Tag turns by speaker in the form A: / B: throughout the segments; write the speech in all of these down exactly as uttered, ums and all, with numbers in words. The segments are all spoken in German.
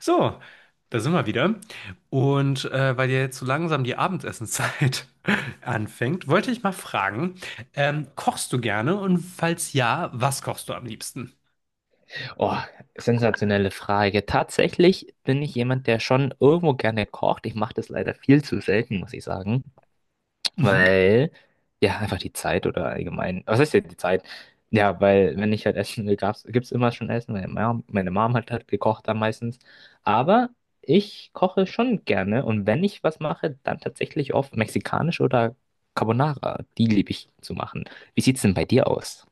A: So, da sind wir wieder. Und äh, weil ja jetzt so langsam die Abendessenszeit anfängt, wollte ich mal fragen, ähm, kochst du gerne? Und falls ja, was kochst du am liebsten?
B: Oh, sensationelle Frage. Tatsächlich bin ich jemand, der schon irgendwo gerne kocht. Ich mache das leider viel zu selten, muss ich sagen,
A: Mhm.
B: weil ja einfach die Zeit oder allgemein, was ist denn die Zeit? Ja, weil wenn ich halt essen will, gab's, gibt's immer schon Essen. Meine Mom, meine Mom hat halt gekocht dann meistens. Aber ich koche schon gerne und wenn ich was mache, dann tatsächlich oft mexikanisch oder Carbonara. Die liebe ich zu machen. Wie sieht's denn bei dir aus?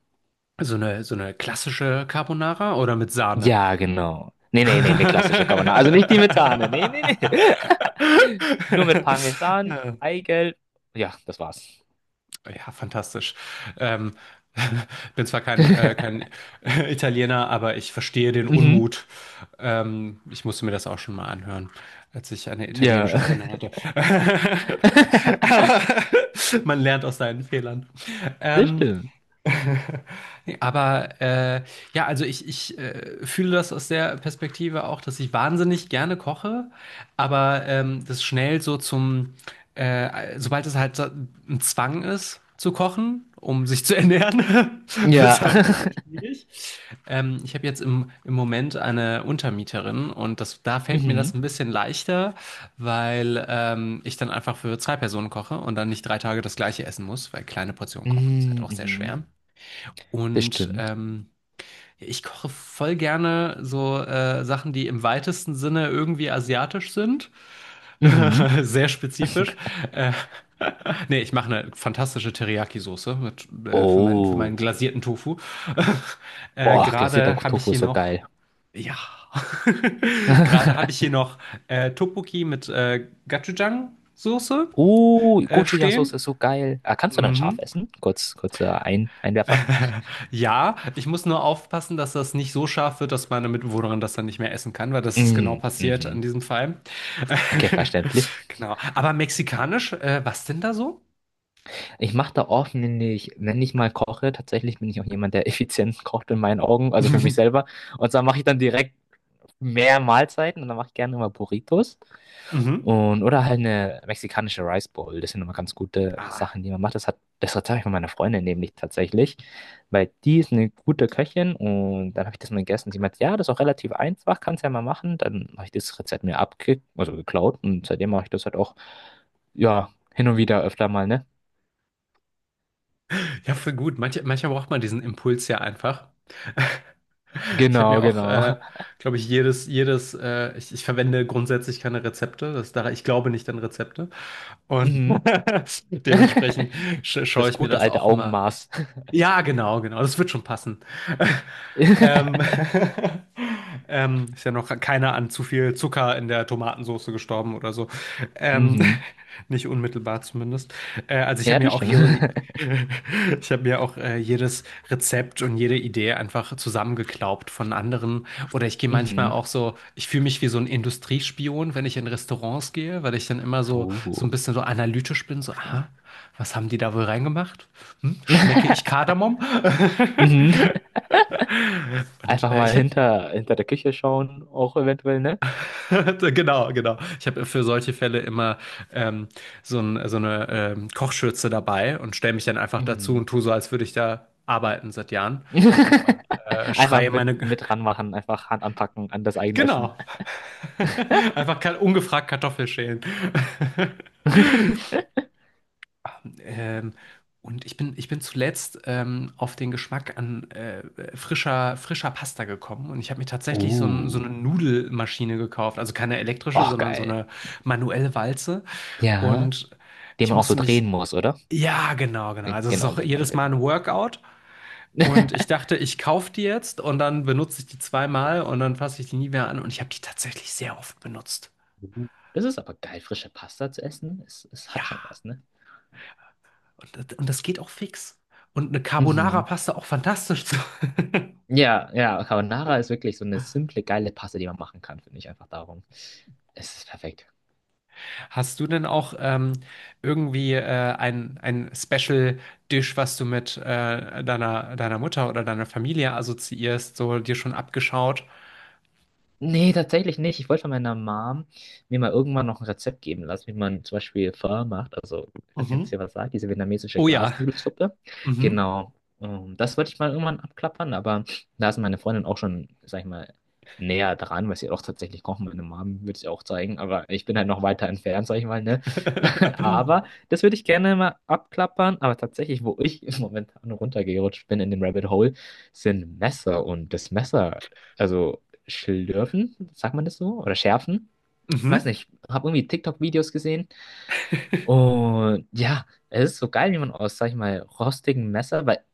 A: So eine, so eine klassische Carbonara oder mit Sahne?
B: Ja, genau. Nee, nee, nee, nee, klassische Carbonara. Also nicht die mit Sahne. Nee, nee, nee. Nur mit Parmesan,
A: Ja.
B: Eigelb. Ja, das war's.
A: Ja, fantastisch. Ähm, bin zwar kein, äh, kein Italiener, aber ich verstehe den
B: Mhm.
A: Unmut. Ähm, ich musste mir das auch schon mal anhören, als ich eine
B: Ja.
A: italienische Freundin hatte. Aber man lernt aus seinen Fehlern.
B: Das
A: Ähm,
B: stimmt.
A: Aber äh, ja, also ich, ich äh, fühle das aus der Perspektive auch, dass ich wahnsinnig gerne koche, aber ähm, das schnell so zum, äh, sobald es halt so ein Zwang ist zu kochen, um sich zu ernähren, wird es
B: Ja.
A: halt ein bisschen schwierig. Ähm, ich habe jetzt im, im Moment eine Untermieterin und das, da fällt mir
B: Mhm.
A: das ein bisschen leichter, weil ähm, ich dann einfach für zwei Personen koche und dann nicht drei Tage das gleiche essen muss, weil kleine Portionen kochen ist halt
B: Mhm.
A: auch sehr
B: Mhm.
A: schwer.
B: Das
A: Und
B: stimmt.
A: ähm, ich koche voll gerne so äh, Sachen, die im weitesten Sinne irgendwie asiatisch sind.
B: Mhm.
A: Sehr spezifisch. Äh, nee, ich mache eine fantastische Teriyaki-Soße mit, äh, für meinen, für meinen
B: Oh.
A: glasierten Tofu. äh,
B: Oh, glasierter
A: gerade habe ich
B: Tofu ist
A: hier
B: so
A: noch,
B: geil.
A: ja, gerade habe ich hier noch äh, Tteokbokki mit äh, Gochujang-Soße
B: Oh,
A: äh, stehen.
B: Gochujang-Soße ist so geil. Ah, kannst du dann scharf
A: Mhm.
B: essen? Kurz, kurzer Ein Einwerfer.
A: Ja, ich muss nur aufpassen, dass das nicht so scharf wird, dass meine Mitbewohnerin das dann nicht mehr essen kann, weil das ist genau
B: Mm,
A: passiert in
B: mhm.
A: diesem Fall.
B: Okay, verständlich.
A: Genau. Aber mexikanisch, äh, was denn da so?
B: Ich mache da oft, wenn ich, wenn ich mal koche, tatsächlich bin ich auch jemand, der effizient kocht in meinen Augen, also für mich selber. Und zwar mache ich dann direkt mehr Mahlzeiten und dann mache ich gerne immer Burritos
A: Mhm.
B: und oder halt eine mexikanische Rice Bowl. Das sind immer ganz gute
A: Ah,
B: Sachen, die man macht. Das hat, das Rezept habe ich von meiner Freundin nämlich tatsächlich, weil die ist eine gute Köchin und dann habe ich das mal gegessen. Und sie meinte, ja, das ist auch relativ einfach, kannst ja mal machen. Dann habe ich das Rezept mir abge, also geklaut und seitdem mache ich das halt auch, ja, hin und wieder öfter mal, ne?
A: ja, für gut. Manche, manchmal braucht man diesen Impuls ja einfach. Ich habe
B: Genau,
A: mir auch,
B: genau.
A: äh, glaube ich, jedes, jedes, äh, ich, ich verwende grundsätzlich keine Rezepte. Das, da, ich glaube nicht an Rezepte. Und
B: Mhm.
A: dementsprechend sch schaue
B: Das
A: ich mir
B: gute
A: das
B: alte
A: auch immer.
B: Augenmaß.
A: Ja, genau, genau. Das wird schon passen. Ähm, ähm, ist ja noch keiner an zu viel Zucker in der Tomatensauce gestorben oder so. Ähm,
B: Mhm.
A: nicht unmittelbar zumindest. Äh, also ich
B: Ja,
A: habe
B: das
A: mir auch
B: stimmt.
A: hier, ich habe mir auch äh, jedes Rezept und jede Idee einfach zusammengeklaubt von anderen. Oder ich gehe manchmal
B: Mhm.
A: auch so, ich fühle mich wie so ein Industriespion, wenn ich in Restaurants gehe, weil ich dann immer so, so ein
B: Oh.
A: bisschen so analytisch bin, so, aha. Was haben die da wohl reingemacht? Hm? Schmecke ich Kardamom?
B: Mhm.
A: Und
B: Einfach
A: äh, ich
B: mal
A: finde,
B: hinter, hinter der Küche schauen, auch eventuell, ne?
A: genau, genau. Ich habe für solche Fälle immer ähm, so, ein, so eine ähm, Kochschürze dabei und stelle mich dann einfach dazu und
B: Mhm.
A: tue so, als würde ich da arbeiten seit Jahren und äh,
B: Einfach
A: schreie
B: mit,
A: meine.
B: mit ranmachen, einfach Hand anpacken an das eigene Essen.
A: Genau. Einfach ka- ungefragt Kartoffel schälen. Ähm, und ich bin, ich bin zuletzt ähm, auf den Geschmack an äh, frischer, frischer Pasta gekommen. Und ich habe mir tatsächlich so, ein, so
B: Oh.
A: eine Nudelmaschine gekauft. Also keine elektrische,
B: Oh,
A: sondern so
B: geil.
A: eine manuelle Walze.
B: Ja.
A: Und
B: Den
A: ich
B: man auch so
A: musste
B: drehen
A: mich.
B: muss, oder?
A: Ja, genau, genau. Also es ist
B: Genau,
A: auch
B: genau,
A: jedes Mal
B: genau.
A: ein Workout. Und ich dachte, ich kaufe die jetzt und dann benutze ich die zweimal und dann fasse ich die nie mehr an. Und ich habe die tatsächlich sehr oft benutzt.
B: Uh, das ist aber geil, frische Pasta zu essen. Es, es
A: Ja,
B: hat schon was, ne?
A: und, und das geht auch fix. Und eine
B: Mhm.
A: Carbonara-Pasta auch fantastisch. Zu.
B: Ja, ja, Carbonara ist wirklich so eine simple, geile Paste, die man machen kann, finde ich einfach darum. Es ist perfekt.
A: Hast du denn auch ähm, irgendwie äh, ein, ein Special Dish, was du mit äh, deiner, deiner Mutter oder deiner Familie assoziierst, so dir schon abgeschaut?
B: Nee, tatsächlich nicht. Ich wollte von meiner Mom mir mal irgendwann noch ein Rezept geben lassen, wie man zum Beispiel Pho macht. Also, ich weiß nicht, ob es dir
A: Mhm.
B: was sagt, diese vietnamesische
A: Oh ja.
B: Glasnudelsuppe.
A: Mhm.
B: Genau. Ähm, das wollte ich mal irgendwann abklappern, aber da ist meine Freundin auch schon, sag ich mal, näher dran, weil sie auch tatsächlich kochen. Meine Mom würde es ihr auch zeigen, aber ich bin halt noch weiter entfernt, sag ich mal, ne? Aber das würde ich gerne mal abklappern. Aber tatsächlich, wo ich im Moment runtergerutscht bin in den Rabbit Hole, sind Messer und das Messer. Also schlürfen, sagt man das so? Oder schärfen? Weiß
A: Mhm.
B: nicht, habe irgendwie TikTok-Videos gesehen. Und ja, es ist so geil, wie man aus, sag ich mal, rostigem Messer, weil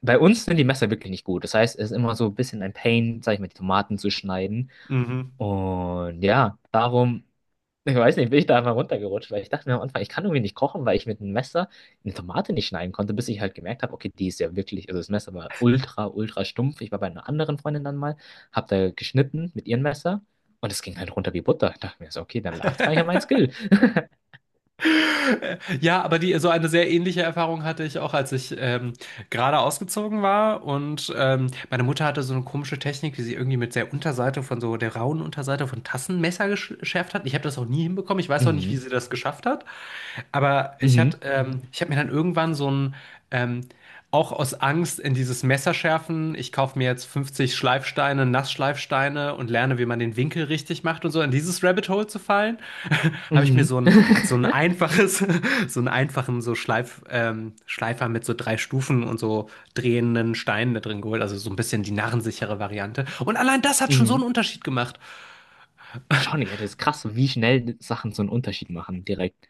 B: bei uns sind die Messer wirklich nicht gut. Das heißt, es ist immer so ein bisschen ein Pain, sag ich mal, die Tomaten zu schneiden.
A: Mhm.
B: Und ja, darum ich weiß nicht, bin ich da einfach runtergerutscht, weil ich dachte mir am Anfang, ich kann irgendwie nicht kochen, weil ich mit einem Messer eine Tomate nicht schneiden konnte, bis ich halt gemerkt habe, okay, die ist ja wirklich, also das Messer war ultra, ultra stumpf. Ich war bei einer anderen Freundin dann mal, hab da geschnitten mit ihrem Messer und es ging halt runter wie Butter. Ich dachte mir so, okay, dann lag es gar nicht an meinem Skill.
A: Ja, aber die, so eine sehr ähnliche Erfahrung hatte ich auch, als ich ähm, gerade ausgezogen war. Und ähm, meine Mutter hatte so eine komische Technik, wie sie irgendwie mit der Unterseite von so der rauen Unterseite von Tassenmesser gesch- geschärft hat. Ich habe das auch nie hinbekommen. Ich weiß auch nicht, wie
B: Mhm,
A: sie das geschafft hat. Aber ich
B: mhm,
A: hatte, ähm, ich habe mir dann irgendwann so ein, ähm, auch aus Angst in dieses Messerschärfen, ich kaufe mir jetzt fünfzig Schleifsteine, Nassschleifsteine und lerne, wie man den Winkel richtig macht und so, in dieses Rabbit Hole zu fallen, habe ich mir
B: mhm,
A: so ein, so ein einfaches, so einen einfachen so Schleif, ähm, Schleifer mit so drei Stufen und so drehenden Steinen da drin geholt, also so ein bisschen die narrensichere Variante. Und allein das hat schon so einen
B: mhm.
A: Unterschied gemacht.
B: Schon, ja, das ist krass, wie schnell Sachen so einen Unterschied machen, direkt.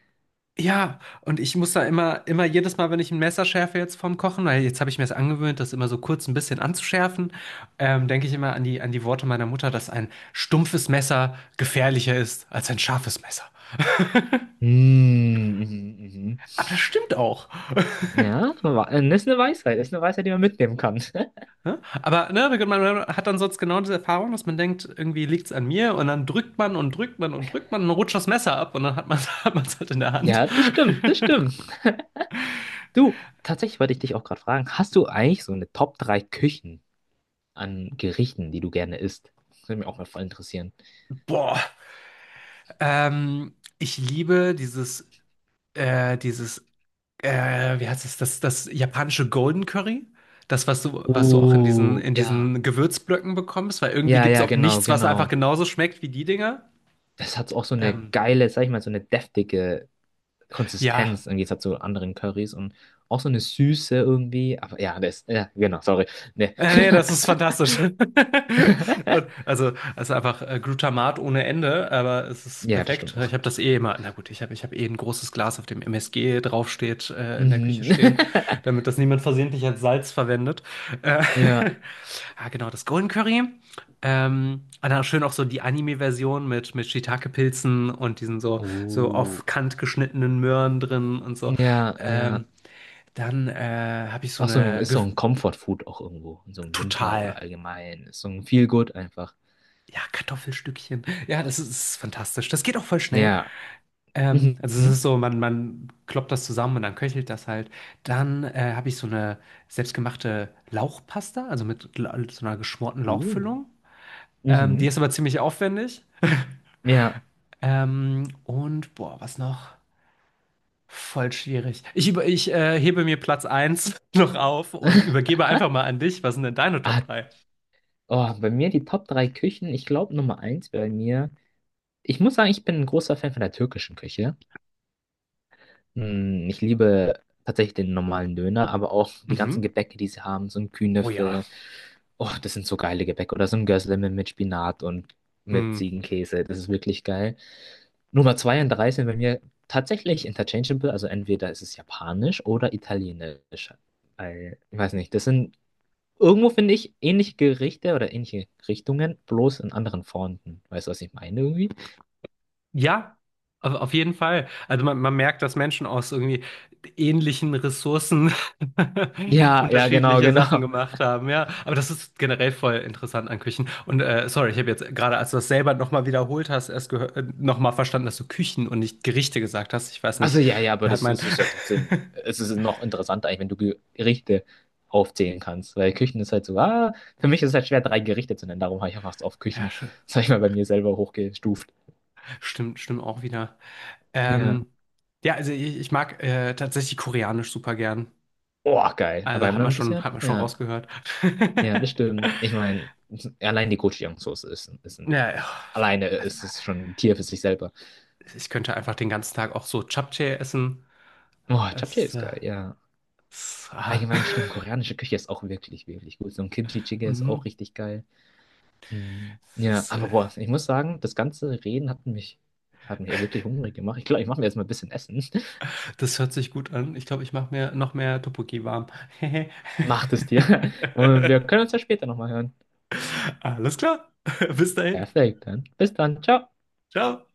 A: Ja, und ich muss da immer, immer jedes Mal, wenn ich ein Messer schärfe jetzt vom Kochen, weil jetzt habe ich mir es angewöhnt, das immer so kurz ein bisschen anzuschärfen, ähm, denke ich immer an die, an die Worte meiner Mutter, dass ein stumpfes Messer gefährlicher ist als ein scharfes Messer.
B: Mhm, mhm,
A: Aber das stimmt auch.
B: mhm. Ja, wa- äh, das ist eine Weisheit, das ist eine Weisheit, die man mitnehmen kann.
A: Ne? Aber ne, man hat dann sonst genau diese Erfahrung, dass man denkt, irgendwie liegt's an mir und dann drückt man und drückt man und drückt man und rutscht das Messer ab und dann hat man hat man's halt in der Hand.
B: Ja, das stimmt, das stimmt. Du, tatsächlich wollte ich dich auch gerade fragen, hast du eigentlich so eine Top drei Küchen an Gerichten, die du gerne isst? Das würde mich auch mal voll interessieren.
A: Boah, ähm, ich liebe dieses, äh, dieses äh, wie heißt es, das, das japanische Golden Curry? Das, was du, was du auch in diesen,
B: Oh,
A: in
B: ja.
A: diesen Gewürzblöcken bekommst, weil irgendwie
B: Ja,
A: gibt es
B: ja,
A: auch
B: genau,
A: nichts, was einfach
B: genau.
A: genauso schmeckt wie die Dinger.
B: Das hat auch so eine
A: Ähm,
B: geile, sag ich mal, so eine deftige
A: ja,
B: Konsistenz im Gegensatz zu anderen Currys und auch so eine Süße irgendwie. Aber ja, das, ja, genau, sorry. Nee.
A: Äh, nee, das ist fantastisch. Und also, es einfach äh, Glutamat ohne Ende, aber es ist
B: Ja, das
A: perfekt.
B: stimmt
A: Ich
B: auch.
A: habe das eh immer. Na gut, ich habe ich hab eh ein großes Glas, auf dem M S G draufsteht, äh, in der Küche
B: Mhm.
A: stehen, damit das niemand versehentlich als Salz verwendet. Äh,
B: Ja.
A: ah, genau, das Golden Curry. Ähm, und dann schön auch so die Anime-Version mit, mit Shiitake-Pilzen und diesen so, so
B: Oh.
A: auf Kant geschnittenen Möhren drin und so.
B: Ja,
A: Ähm,
B: ja.
A: dann äh, habe ich so
B: Auch so ein,
A: eine
B: ist
A: Ge-
B: so ein Comfort Food auch irgendwo. So im Winter
A: total.
B: oder allgemein. Ist so ein Feel Good einfach.
A: Ja, Kartoffelstückchen. Ja, das ist, ist fantastisch. Das geht auch voll schnell.
B: Ja.
A: Ähm,
B: Mhm.
A: also es ist so, man, man kloppt das zusammen und dann köchelt das halt. Dann äh, habe ich so eine selbstgemachte Lauchpasta, also mit la- so einer geschmorten
B: Uh.
A: Lauchfüllung. Ähm, die
B: Mhm.
A: ist aber ziemlich aufwendig.
B: Ja.
A: Ähm, und boah, was noch? Voll schwierig. Ich, über, ich äh, hebe mir Platz eins noch auf und übergebe einfach mal an dich. Was sind denn deine
B: Ah,
A: Top drei?
B: oh, bei mir die Top drei Küchen. Ich glaube, Nummer eins bei mir. Ich muss sagen, ich bin ein großer Fan von der türkischen Küche. Mm, ich liebe tatsächlich den normalen Döner, aber auch die ganzen
A: Mhm.
B: Gebäcke, die sie haben, so ein
A: Oh ja.
B: Künefe. Oh, das sind so geile Gebäcke. Oder so ein Gözleme mit mit Spinat und mit
A: Hm.
B: Ziegenkäse. Das ist wirklich geil. Nummer zwei und drei sind bei mir tatsächlich interchangeable. Also entweder ist es japanisch oder italienisch. Weil, ich weiß nicht. Das sind irgendwo, finde ich, ähnliche Gerichte oder ähnliche Richtungen, bloß in anderen Formen. Weißt du, was ich meine irgendwie?
A: Ja, auf auf jeden Fall. Also man, man merkt, dass Menschen aus irgendwie ähnlichen Ressourcen
B: Ja, ja, genau,
A: unterschiedliche Sachen
B: genau.
A: gemacht haben, ja. Aber das ist generell voll interessant an Küchen. Und äh, sorry, ich habe jetzt gerade, als du das selber nochmal wiederholt hast, erst gehört, äh, nochmal verstanden, dass du Küchen und nicht Gerichte gesagt hast. Ich weiß nicht,
B: Also ja, ja, aber
A: da hat
B: das
A: mein...
B: ist es ja trotzdem, es ist noch interessanter eigentlich, wenn du Gerichte aufzählen kannst, weil Küchen ist halt so, ah, für mich ist es halt schwer, drei Gerichte zu nennen, darum habe ich einfach es auf
A: Ja,
B: Küchen,
A: sch-
B: sag ich mal, bei mir selber hochgestuft.
A: stimmt, stimmt auch wieder.
B: Ja.
A: Ähm, ja, also ich, ich mag äh, tatsächlich koreanisch super gern.
B: Oh, geil. Aber
A: Also hat man
B: dann
A: schon,
B: bisher,
A: hat man schon
B: ja,
A: rausgehört.
B: ja, das stimmt. Ich meine, allein die Gochujang-Soße ist, ein- ist ein,
A: Ja, ja.
B: alleine
A: also
B: ist es schon ein Tier für sich selber.
A: Ich könnte einfach den ganzen Tag auch so Japchae essen.
B: Oh, Japchae
A: Es,
B: ist
A: äh,
B: geil, ja.
A: es, ah,
B: Allgemein stimmt, koreanische Küche ist auch wirklich, wirklich gut. So ein Kimchi-Jjigae ist auch
A: mhm.
B: richtig geil. Mm, ja,
A: das,
B: aber
A: äh,
B: boah, ich muss sagen, das ganze Reden hat mich, hat mich wirklich hungrig gemacht. Ich glaube, ich mache mir jetzt mal ein bisschen Essen.
A: das hört sich gut an. Ich glaube, ich mache mir noch mehr Tteokbokki warm.
B: Macht es dir. Und wir können uns ja später nochmal hören.
A: Alles klar. Bis dahin.
B: Perfekt, dann. Bis dann. Ciao.
A: Ciao.